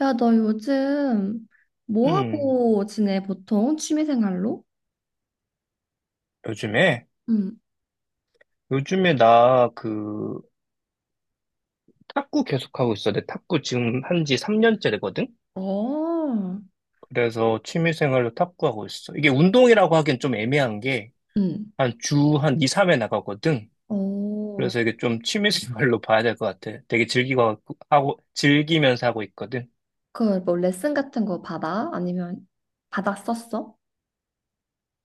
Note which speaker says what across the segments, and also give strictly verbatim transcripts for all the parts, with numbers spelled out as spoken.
Speaker 1: 야, 너 요즘 뭐
Speaker 2: 음,
Speaker 1: 하고 지내, 보통? 취미생활로?
Speaker 2: 요즘에?
Speaker 1: 응.
Speaker 2: 요즘에 나 그 탁구 계속하고 있어. 내 탁구 지금 한 지 삼 년째 되거든?
Speaker 1: 어,
Speaker 2: 그래서 취미생활로 탁구하고 있어. 이게 운동이라고 하기엔 좀 애매한 게
Speaker 1: 응.
Speaker 2: 한 주 한 이, 삼 회 나가거든?
Speaker 1: 어,
Speaker 2: 그래서 이게 좀 취미생활로 봐야 될 것 같아. 되게 즐기고 하고, 즐기면서 하고 있거든?
Speaker 1: 그, 뭐, 레슨 같은 거 받아? 아니면 받았었어?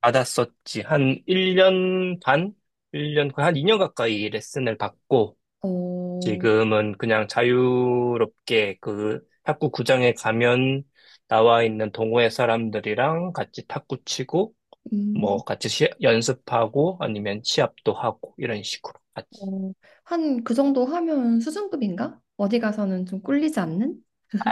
Speaker 2: 받았었지. 한 일 년 반? 일 년 거의 한 이 년 가까이 레슨을 받고
Speaker 1: 어,
Speaker 2: 지금은 그냥 자유롭게 그 탁구 구장에 가면 나와 있는 동호회 사람들이랑 같이 탁구 치고
Speaker 1: 음,
Speaker 2: 뭐 같이 시- 연습하고 아니면 시합도 하고 이런 식으로 같이.
Speaker 1: 어, 한 그 정도 하면 수준급인가? 어디 가서는 좀 꿀리지 않는?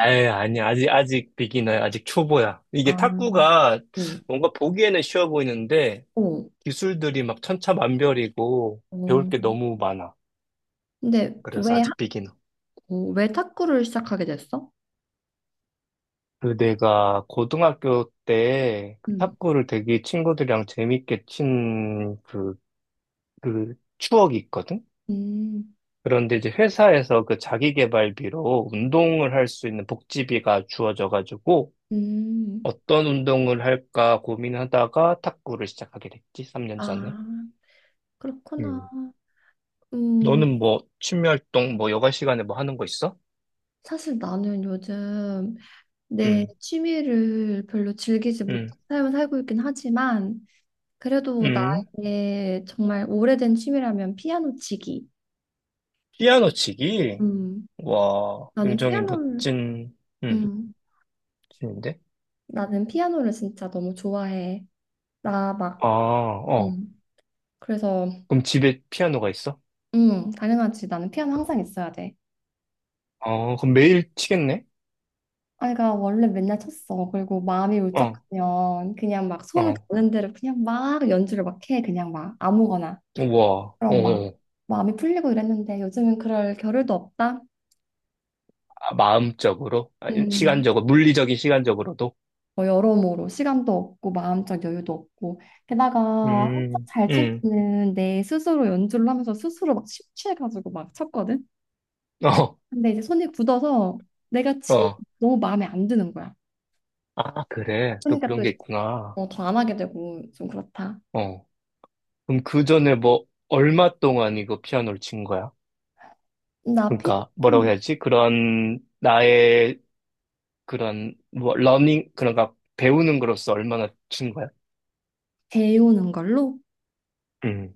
Speaker 2: 아 아니, 아직, 아직 비기너야. 아직 초보야. 이게
Speaker 1: 아,
Speaker 2: 탁구가
Speaker 1: 오,
Speaker 2: 뭔가 보기에는 쉬워 보이는데
Speaker 1: 오
Speaker 2: 기술들이 막 천차만별이고 배울
Speaker 1: 어,
Speaker 2: 게 너무 많아.
Speaker 1: 근데
Speaker 2: 그래서
Speaker 1: 왜, 하-
Speaker 2: 아직 비기너.
Speaker 1: 어, 왜 탁구를 시작하게 됐어?
Speaker 2: 그 내가 고등학교 때 그
Speaker 1: 음,
Speaker 2: 탁구를 되게 친구들이랑 재밌게 친 그, 그 추억이 있거든?
Speaker 1: 음,
Speaker 2: 그런데 이제 회사에서 그 자기계발비로 운동을 할 수 있는 복지비가 주어져가지고
Speaker 1: 음.
Speaker 2: 어떤 운동을 할까 고민하다가 탁구를 시작하게 됐지, 삼 년
Speaker 1: 아,
Speaker 2: 전에.
Speaker 1: 그렇구나.
Speaker 2: 음.
Speaker 1: 음
Speaker 2: 너는 뭐 취미 활동 뭐 여가 시간에 뭐 하는 거 있어?
Speaker 1: 사실 나는 요즘 내
Speaker 2: 음,
Speaker 1: 취미를 별로 즐기지 못한
Speaker 2: 음,
Speaker 1: 삶을 살고 있긴 하지만 그래도
Speaker 2: 음.
Speaker 1: 나의 정말 오래된 취미라면 피아노 치기.
Speaker 2: 피아노 치기?
Speaker 1: 음,
Speaker 2: 와,
Speaker 1: 나는
Speaker 2: 굉장히
Speaker 1: 피아노를
Speaker 2: 멋진, 음,
Speaker 1: 음,
Speaker 2: 취미인데?
Speaker 1: 나는 피아노를 진짜 너무 좋아해. 나
Speaker 2: 아,
Speaker 1: 막,
Speaker 2: 어.
Speaker 1: 음, 그래서
Speaker 2: 그럼 집에 피아노가 있어?
Speaker 1: 음, 당연하지. 나는 피아노 항상 있어야 돼.
Speaker 2: 어, 그럼 매일 치겠네?
Speaker 1: 아이가 원래 맨날 쳤어. 그리고 마음이
Speaker 2: 어,
Speaker 1: 울적하면 그냥 막 손
Speaker 2: 어.
Speaker 1: 가는 대로 그냥 막 연주를 막 해. 그냥 막 아무거나.
Speaker 2: 우와, 어,
Speaker 1: 그럼 막
Speaker 2: 어.
Speaker 1: 마음이 풀리고 이랬는데 요즘은 그럴 겨를도 없다.
Speaker 2: 아, 마음적으로? 아,
Speaker 1: 음,
Speaker 2: 시간적으로, 물리적인 시간적으로도?
Speaker 1: 뭐 여러모로 시간도 없고 마음적 여유도 없고 게다가 한참
Speaker 2: 음,
Speaker 1: 잘
Speaker 2: 음,
Speaker 1: 치는 내 스스로 연주를 하면서 스스로 막 심취해가지고 막 쳤거든.
Speaker 2: 어,
Speaker 1: 근데 이제 손이 굳어서 내가 친
Speaker 2: 어.
Speaker 1: 너무 마음에 안 드는 거야.
Speaker 2: 아, 그래. 또
Speaker 1: 그러니까
Speaker 2: 그런
Speaker 1: 또
Speaker 2: 게 있구나.
Speaker 1: 더 안 하게 되고 좀 그렇다.
Speaker 2: 어. 그럼 그 전에 뭐, 얼마 동안 이거 피아노를 친 거야?
Speaker 1: 나
Speaker 2: 그러니까, 뭐라고
Speaker 1: 피아노
Speaker 2: 해야지? 그런, 나의, 그런, 뭐, 러닝, 그런가, 배우는 거로서 얼마나 친 거야?
Speaker 1: 배우는 걸로.
Speaker 2: 음,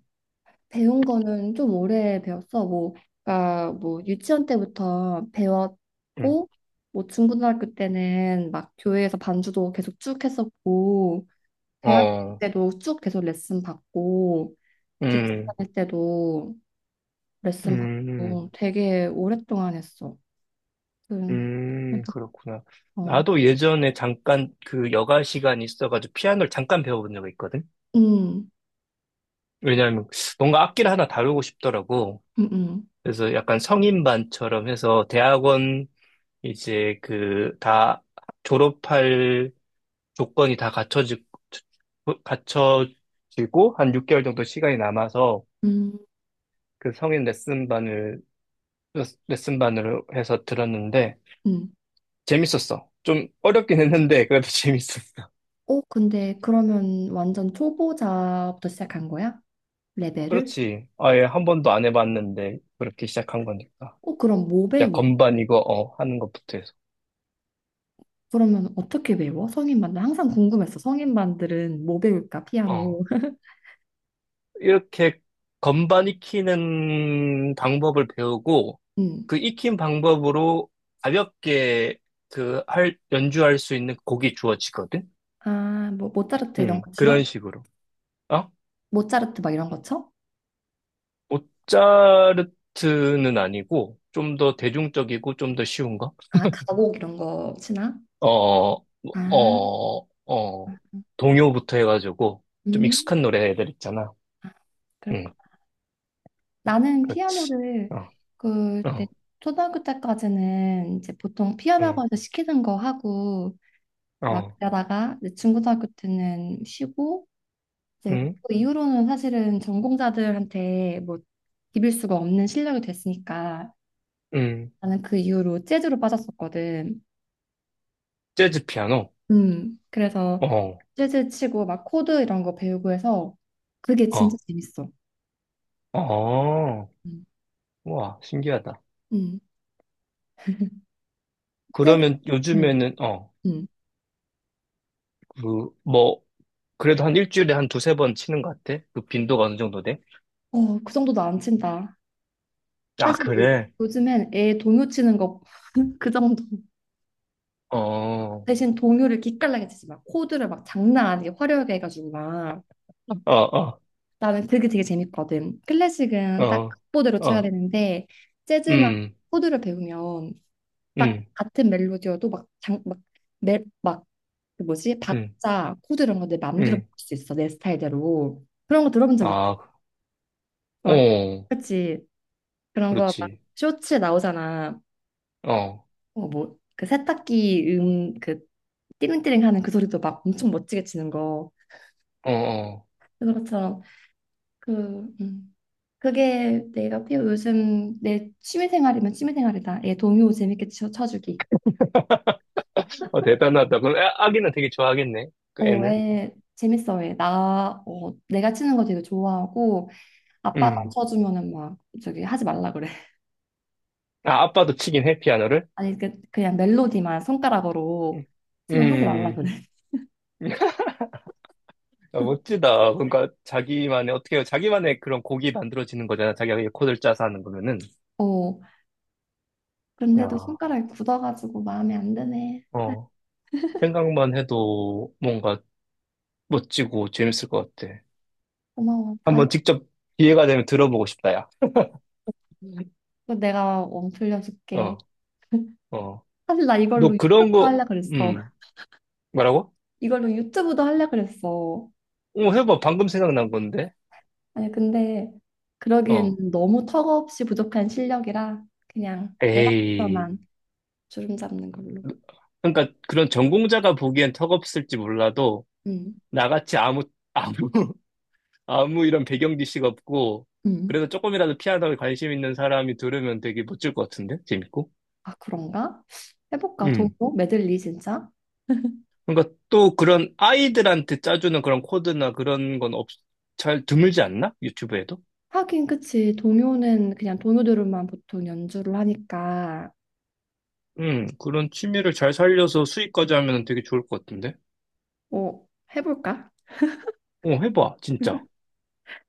Speaker 1: 배운 거는 좀 오래 배웠어. 뭐, 그러니까 뭐 유치원 때부터
Speaker 2: 음,
Speaker 1: 배웠고, 뭐 중고등학교 때는 막 교회에서 반주도 계속 쭉 했었고, 대학
Speaker 2: 어,
Speaker 1: 때도 쭉 계속 레슨 받고, 직장
Speaker 2: 음.
Speaker 1: 다닐 때도 레슨
Speaker 2: 음,
Speaker 1: 받고, 되게 오랫동안 했어. 그,
Speaker 2: 음, 그렇구나.
Speaker 1: 어,
Speaker 2: 나도 예전에 잠깐 그 여가 시간이 있어가지고 피아노를 잠깐 배워본 적이 있거든?
Speaker 1: 음,
Speaker 2: 왜냐하면 뭔가 악기를 하나 다루고 싶더라고.
Speaker 1: 음, 음,
Speaker 2: 그래서 약간 성인반처럼 해서 대학원 이제 그 다 졸업할 조건이 다 갖춰지, 갖춰지고 한 육 개월 정도 시간이 남아서
Speaker 1: 음,
Speaker 2: 그 성인 레슨반을, 레슨반으로 해서 들었는데
Speaker 1: 음.
Speaker 2: 재밌었어. 좀 어렵긴 했는데 그래도 재밌었어.
Speaker 1: 어, 근데 그러면 완전 초보자부터 시작한 거야? 레벨을?
Speaker 2: 그렇지. 아예 한 번도 안 해봤는데 그렇게 시작한 거니까.
Speaker 1: 어, 그럼 뭐
Speaker 2: 자,
Speaker 1: 배워?
Speaker 2: 건반 이거 어 하는 것부터 해서.
Speaker 1: 그러면 어떻게 배워? 성인반들 항상 궁금했어. 성인반들은 뭐 배울까?
Speaker 2: 어.
Speaker 1: 피아노.
Speaker 2: 이렇게 건반 익히는 방법을 배우고
Speaker 1: 음.
Speaker 2: 그 익힌 방법으로 가볍게 그 할 연주할 수 있는 곡이 주어지거든.
Speaker 1: 아, 뭐 모차르트 이런
Speaker 2: 음,
Speaker 1: 거
Speaker 2: 그런
Speaker 1: 치나?
Speaker 2: 식으로. 어?
Speaker 1: 모차르트 막 이런 거 쳐?
Speaker 2: 모차르트는 아니고 좀 더 대중적이고 좀 더 쉬운 거?
Speaker 1: 아, 가곡 이런 거 치나?
Speaker 2: 어, 어,
Speaker 1: 아,
Speaker 2: 어, 어, 동요부터 해가지고, 좀
Speaker 1: 음,
Speaker 2: 익숙한 노래들 있잖아. 응,
Speaker 1: 그렇구나. 나는
Speaker 2: 그렇지.
Speaker 1: 피아노를
Speaker 2: 어,
Speaker 1: 그 이제
Speaker 2: 어,
Speaker 1: 초등학교 때까지는 이제 보통 피아노
Speaker 2: 응,
Speaker 1: 학원에서 시키는 거 하고 막
Speaker 2: 어,
Speaker 1: 그러다가 이제 중고등학교 때는 쉬고 이제
Speaker 2: 응,
Speaker 1: 그 이후로는 사실은 전공자들한테 뭐 비빌 수가 없는 실력이 됐으니까
Speaker 2: 응.
Speaker 1: 나는 그 이후로 재즈로 빠졌었거든.
Speaker 2: 재즈 피아노.
Speaker 1: 음. 그래서
Speaker 2: 어,
Speaker 1: 재즈 치고 막 코드 이런 거 배우고 해서 그게 진짜
Speaker 2: 어,
Speaker 1: 재밌어.
Speaker 2: 어.
Speaker 1: 음.
Speaker 2: 와, 신기하다.
Speaker 1: 음. 재즈,
Speaker 2: 그러면
Speaker 1: 음.
Speaker 2: 요즘에는, 어,
Speaker 1: 음.
Speaker 2: 그, 뭐, 그래도 한 일주일에 한 두세 번 치는 것 같아? 그 빈도가 어느 정도 돼?
Speaker 1: 어, 그 정도도 안 친다.
Speaker 2: 아,
Speaker 1: 사실 요,
Speaker 2: 그래?
Speaker 1: 요즘엔 애 동요 치는 거 그 정도.
Speaker 2: 어, 어,
Speaker 1: 대신 동요를 기깔나게 치지 마. 코드를 막 장난 아니게 화려하게 해가지고 막.
Speaker 2: 어,
Speaker 1: 나는 그게 되게 재밌거든. 클래식은 딱
Speaker 2: 어,
Speaker 1: 악보대로 쳐야
Speaker 2: 어,
Speaker 1: 되는데 재즈나
Speaker 2: 음,
Speaker 1: 코드를 배우면 딱
Speaker 2: 음,
Speaker 1: 같은 멜로디여도 막 장, 막, 멜, 막, 그 뭐지?
Speaker 2: 음,
Speaker 1: 박자, 코드 이런 거 내 맘대로
Speaker 2: 음.
Speaker 1: 바꿀 수 있어. 내 스타일대로. 그런 거 들어본 적 있지?
Speaker 2: 아, 그,
Speaker 1: 막,
Speaker 2: 어.
Speaker 1: 그치? 그런 거 막
Speaker 2: 그렇지.
Speaker 1: 쇼츠에 나오잖아.
Speaker 2: 어,
Speaker 1: 어, 뭐, 그 세탁기 음, 그 띠링띠링 하는 그 소리도 막 엄청 멋지게 치는 거.
Speaker 2: 어, 어.
Speaker 1: 그것처럼 그, 음. 그게 내가 피우 요즘 내 취미생활이면 취미생활이다. 애 동요 재밌게 쳐, 쳐주기.
Speaker 2: 어, 대단하다. 그럼 애- 아기는 되게 좋아하겠네. 그
Speaker 1: 어,
Speaker 2: 애는.
Speaker 1: 애 재밌어. 애. 나, 어, 내가 치는 거 되게 좋아하고 아빠가
Speaker 2: 음.
Speaker 1: 쳐주면은 막 저기 하지 말라 그래.
Speaker 2: 아, 아빠도 치긴 해, 피아노를.
Speaker 1: 아니 그, 그냥 멜로디만 손가락으로
Speaker 2: 음.
Speaker 1: 치면 하지 말라
Speaker 2: 음.
Speaker 1: 그래.
Speaker 2: 아, 멋지다. 그러니까 자기만의 어떻게 해요? 자기만의 그런 곡이 만들어지는 거잖아. 자기가 그냥 코드를 짜서 하는 거면은.
Speaker 1: 어, 그런데도
Speaker 2: 야,
Speaker 1: 손가락이 굳어가지고 마음에 안 드네.
Speaker 2: 어. 생각만 해도 뭔가 멋지고 재밌을 것 같아.
Speaker 1: 고마워. 다시
Speaker 2: 한번 직접 기회가 되면 들어보고 싶다, 야.
Speaker 1: 그거 내가 원 들려줄게.
Speaker 2: 어, 어.
Speaker 1: 사실 나 이걸로
Speaker 2: 너 그런
Speaker 1: 유튜브도
Speaker 2: 거,
Speaker 1: 하려 그랬어.
Speaker 2: 음, 뭐라고?
Speaker 1: 이걸로 유튜브도 하려 그랬어.
Speaker 2: 어, 해봐. 방금 생각난 건데.
Speaker 1: 아니 근데
Speaker 2: 어.
Speaker 1: 그러기엔 너무 턱없이 부족한 실력이라 그냥
Speaker 2: 에이.
Speaker 1: 애학서만 주름 잡는 걸로.
Speaker 2: 그러니까 그런 전공자가 보기엔 턱없을지 몰라도
Speaker 1: 음,
Speaker 2: 나같이 아무 아무 아무 이런 배경 지식 없고
Speaker 1: 음.
Speaker 2: 그래도 조금이라도 피아노에 관심 있는 사람이 들으면 되게 멋질 것 같은데 재밌고.
Speaker 1: 아 그런가? 해볼까?
Speaker 2: 음.
Speaker 1: 동요 메들리 진짜?
Speaker 2: 그러니까 또 그런 아이들한테 짜주는 그런 코드나 그런 건 없, 잘 드물지 않나? 유튜브에도?
Speaker 1: 하긴 그치. 동요는 그냥 동요들만 보통 연주를 하니까.
Speaker 2: 음. 그런 취미를 잘 살려서 수익까지 하면 되게 좋을 것 같은데.
Speaker 1: 어 해볼까?
Speaker 2: 어, 해봐, 진짜.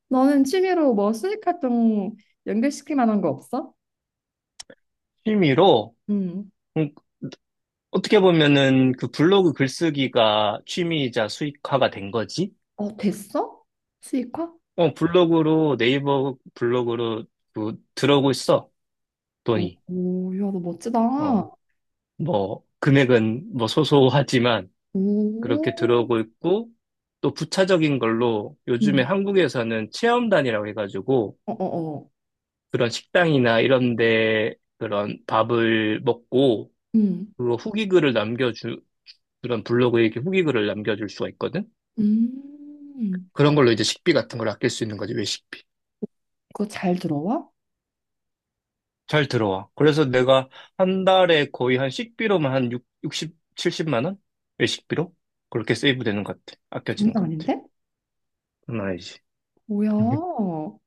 Speaker 1: 너는 취미로 뭐 수익 활동 연결시킬 만한 거 없어?
Speaker 2: 취미로.
Speaker 1: 음.
Speaker 2: 어떻게 보면은 그 블로그 글쓰기가 취미이자 수익화가 된 거지?
Speaker 1: 어 됐어? 수익화?
Speaker 2: 어, 블로그로, 네이버 블로그로 그 들어오고 있어,
Speaker 1: 오,
Speaker 2: 돈이.
Speaker 1: 오, 야, 너 멋지다.
Speaker 2: 어, 뭐, 금액은 뭐 소소하지만 그렇게
Speaker 1: 오,
Speaker 2: 들어오고 있고, 또 부차적인 걸로 요즘에
Speaker 1: 음.
Speaker 2: 한국에서는 체험단이라고 해가지고
Speaker 1: 어, 어, 어.
Speaker 2: 그런 식당이나 이런 데 그런 밥을 먹고
Speaker 1: 음.
Speaker 2: 그거 후기글을 남겨주, 그런 블로그에 이렇게 후기글을 남겨줄 수가 있거든?
Speaker 1: 음,
Speaker 2: 그런 걸로 이제 식비 같은 걸 아낄 수 있는 거지, 외식비.
Speaker 1: 그거 잘 들어와?
Speaker 2: 잘 들어와. 그래서 내가 한 달에 거의 한 식비로만 한 육, 육십, 칠십만 원? 외식비로? 그렇게 세이브 되는 것 같아. 아껴지는
Speaker 1: 장난
Speaker 2: 것 같아.
Speaker 1: 아닌데?
Speaker 2: 장난 아니지.
Speaker 1: 뭐야? 오,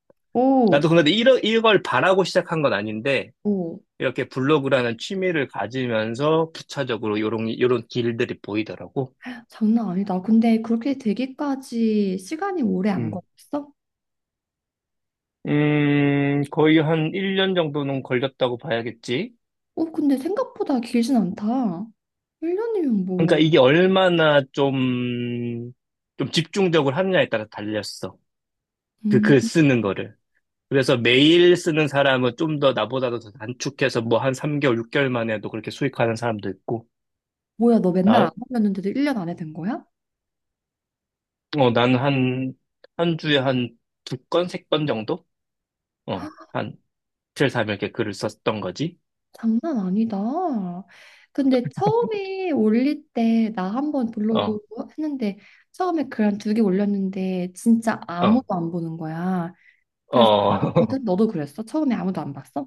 Speaker 2: 나도 근데 이러, 이걸 바라고 시작한 건 아닌데,
Speaker 1: 오,
Speaker 2: 이렇게 블로그라는 취미를 가지면서 부차적으로 요런, 요런 길들이 보이더라고.
Speaker 1: 장난 아니다. 근데 그렇게 되기까지 시간이 오래 안
Speaker 2: 음.
Speaker 1: 걸렸어?
Speaker 2: 음, 거의 한 일 년 정도는 걸렸다고 봐야겠지.
Speaker 1: 오, 근데 생각보다 길진 않다. 일 년이면
Speaker 2: 그러니까
Speaker 1: 뭐,
Speaker 2: 이게 얼마나 좀, 좀 집중적으로 하느냐에 따라 달렸어. 그
Speaker 1: 음,
Speaker 2: 글 쓰는 거를. 그래서 매일 쓰는 사람은 좀 더 나보다도 더 단축해서 뭐 한 삼 개월, 육 개월 만에도 그렇게 수익하는 사람도 있고,
Speaker 1: 뭐야, 너 맨날
Speaker 2: 나,
Speaker 1: 안 올렸는데도 일 년 안에 된 거야?
Speaker 2: 어, 난는 한, 한 주에 한 두 건, 세 건 정도? 어, 한 이틀, 삼일 이렇게 글을 썼던 거지.
Speaker 1: 장난 아니다. 근데 처음에 올릴 때 나 한번 블로그
Speaker 2: 어,
Speaker 1: 했는데 처음에 글 한 두 개 올렸는데 진짜
Speaker 2: 어,
Speaker 1: 아무도 안 보는 거야. 그래서
Speaker 2: 어,
Speaker 1: 거든 너도 그랬어? 처음에 아무도 안 봤어?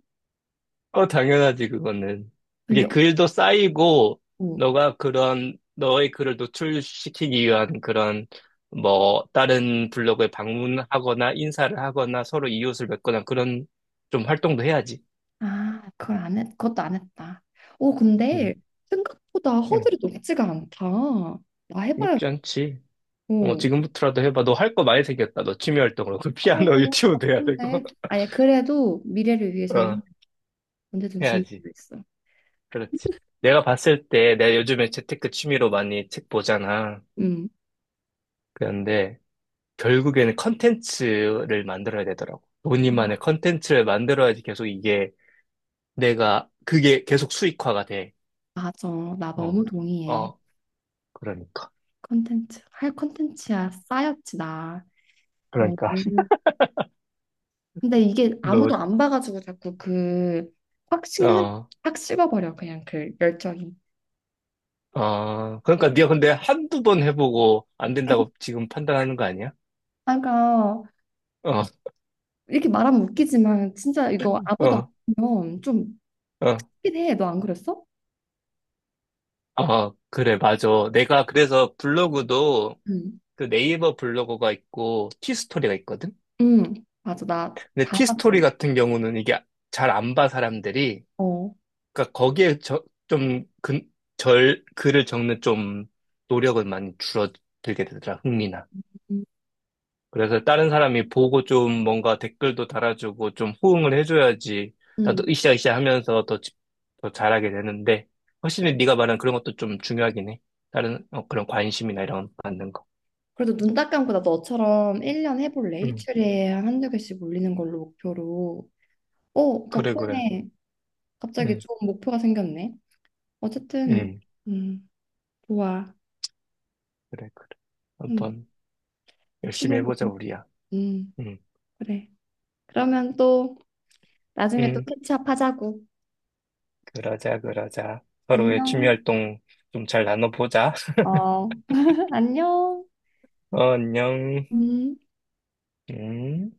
Speaker 2: 어, 당연하지, 그거는.
Speaker 1: 근데
Speaker 2: 그게 글도 쌓이고,
Speaker 1: 오,
Speaker 2: 너가 그런, 너의 글을 노출시키기 위한 그런, 뭐, 다른 블로그에 방문하거나 인사를 하거나 서로 이웃을 뵙거나 그런 좀 활동도 해야지.
Speaker 1: 아 그걸 안 했, 그것도 안 했다. 오
Speaker 2: 응,
Speaker 1: 근데 생각보다
Speaker 2: 응.
Speaker 1: 허들이 높지가 않다. 나 해봐야겠고.
Speaker 2: 높지 않지. 어, 지금부터라도 해봐. 너 할 거 많이 생겼다. 너 취미 활동으로. 그
Speaker 1: 아
Speaker 2: 피아노
Speaker 1: 너무
Speaker 2: 유튜브도 해야 되고.
Speaker 1: 바쁜데. 아니 그래도 미래를 위해서는
Speaker 2: 어,
Speaker 1: 언제든
Speaker 2: 해야지.
Speaker 1: 준비되어 있어.
Speaker 2: 그렇지. 내가 봤을 때, 내가 요즘에 재테크 취미로 많이 책 보잖아.
Speaker 1: 음.
Speaker 2: 그런데, 결국에는 컨텐츠를 만들어야 되더라고. 본인만의
Speaker 1: 아,
Speaker 2: 컨텐츠를 만들어야지 계속 이게, 내가, 그게 계속 수익화가 돼.
Speaker 1: 맞아. 나 너무
Speaker 2: 어,
Speaker 1: 동의해.
Speaker 2: 어, 그러니까.
Speaker 1: 컨텐츠 할 컨텐츠야 쌓였지 나. 어,
Speaker 2: 그러니까.
Speaker 1: 너무- 근데 이게
Speaker 2: 너,
Speaker 1: 아무도 안 봐가지고 자꾸 그 확 식는
Speaker 2: 어,
Speaker 1: 확 식어버려 그냥 그 열정이.
Speaker 2: 어, 그러니까 네가 근데 한두 번 해보고 안 된다고 지금 판단하는 거 아니야?
Speaker 1: 아, 그러니까
Speaker 2: 어,
Speaker 1: 이렇게 말하면 웃기지만 진짜 이거 아무도 안
Speaker 2: 어,
Speaker 1: 보면 좀
Speaker 2: 어,
Speaker 1: 확실히 해. 너 안 그랬어?
Speaker 2: 어, 그래, 맞아. 내가 그래서 블로그도
Speaker 1: 응.
Speaker 2: 그 네이버 블로거가 있고 티스토리가 있거든?
Speaker 1: 응. 맞아. 나
Speaker 2: 근데
Speaker 1: 다
Speaker 2: 티스토리
Speaker 1: 봤어.
Speaker 2: 같은 경우는 이게 잘 안 봐, 사람들이.
Speaker 1: 어.
Speaker 2: 그러니까 거기에 저, 좀 근, 절, 글을 적는 좀 노력은 많이 줄어들게 되더라, 흥미나.
Speaker 1: 응.
Speaker 2: 그래서 다른 사람이 보고 좀 뭔가 댓글도 달아주고 좀 호응을 해줘야지
Speaker 1: 응.
Speaker 2: 나도 으쌰으쌰 하면서 더, 집- 더 잘하게 되는데 훨씬 네가 말한 그런 것도 좀 중요하긴 해. 다른 어, 그런 관심이나 이런 거 받는 거.
Speaker 1: 그래도 눈 딱 감고 나 너처럼 일 년 해볼래?
Speaker 2: 음,
Speaker 1: 일주일에 한 한두 개씩 올리는 걸로 목표로. 어,
Speaker 2: 그래 그래.
Speaker 1: 덕분에 갑자기
Speaker 2: 음,
Speaker 1: 좋은 목표가 생겼네. 어쨌든
Speaker 2: 음,
Speaker 1: 음, 좋아.
Speaker 2: 그래 그래.
Speaker 1: 응.
Speaker 2: 한번 열심히
Speaker 1: 취미로.
Speaker 2: 해보자 우리야.
Speaker 1: 음,
Speaker 2: 음,
Speaker 1: 그래. 그러면 또 나중에 또
Speaker 2: 음,
Speaker 1: 캐치업 하자고.
Speaker 2: 그러자 그러자. 서로의 취미
Speaker 1: 안녕.
Speaker 2: 활동 좀 잘 나눠보자.
Speaker 1: 어, 안녕.
Speaker 2: 어, 안녕.
Speaker 1: 음.
Speaker 2: 음.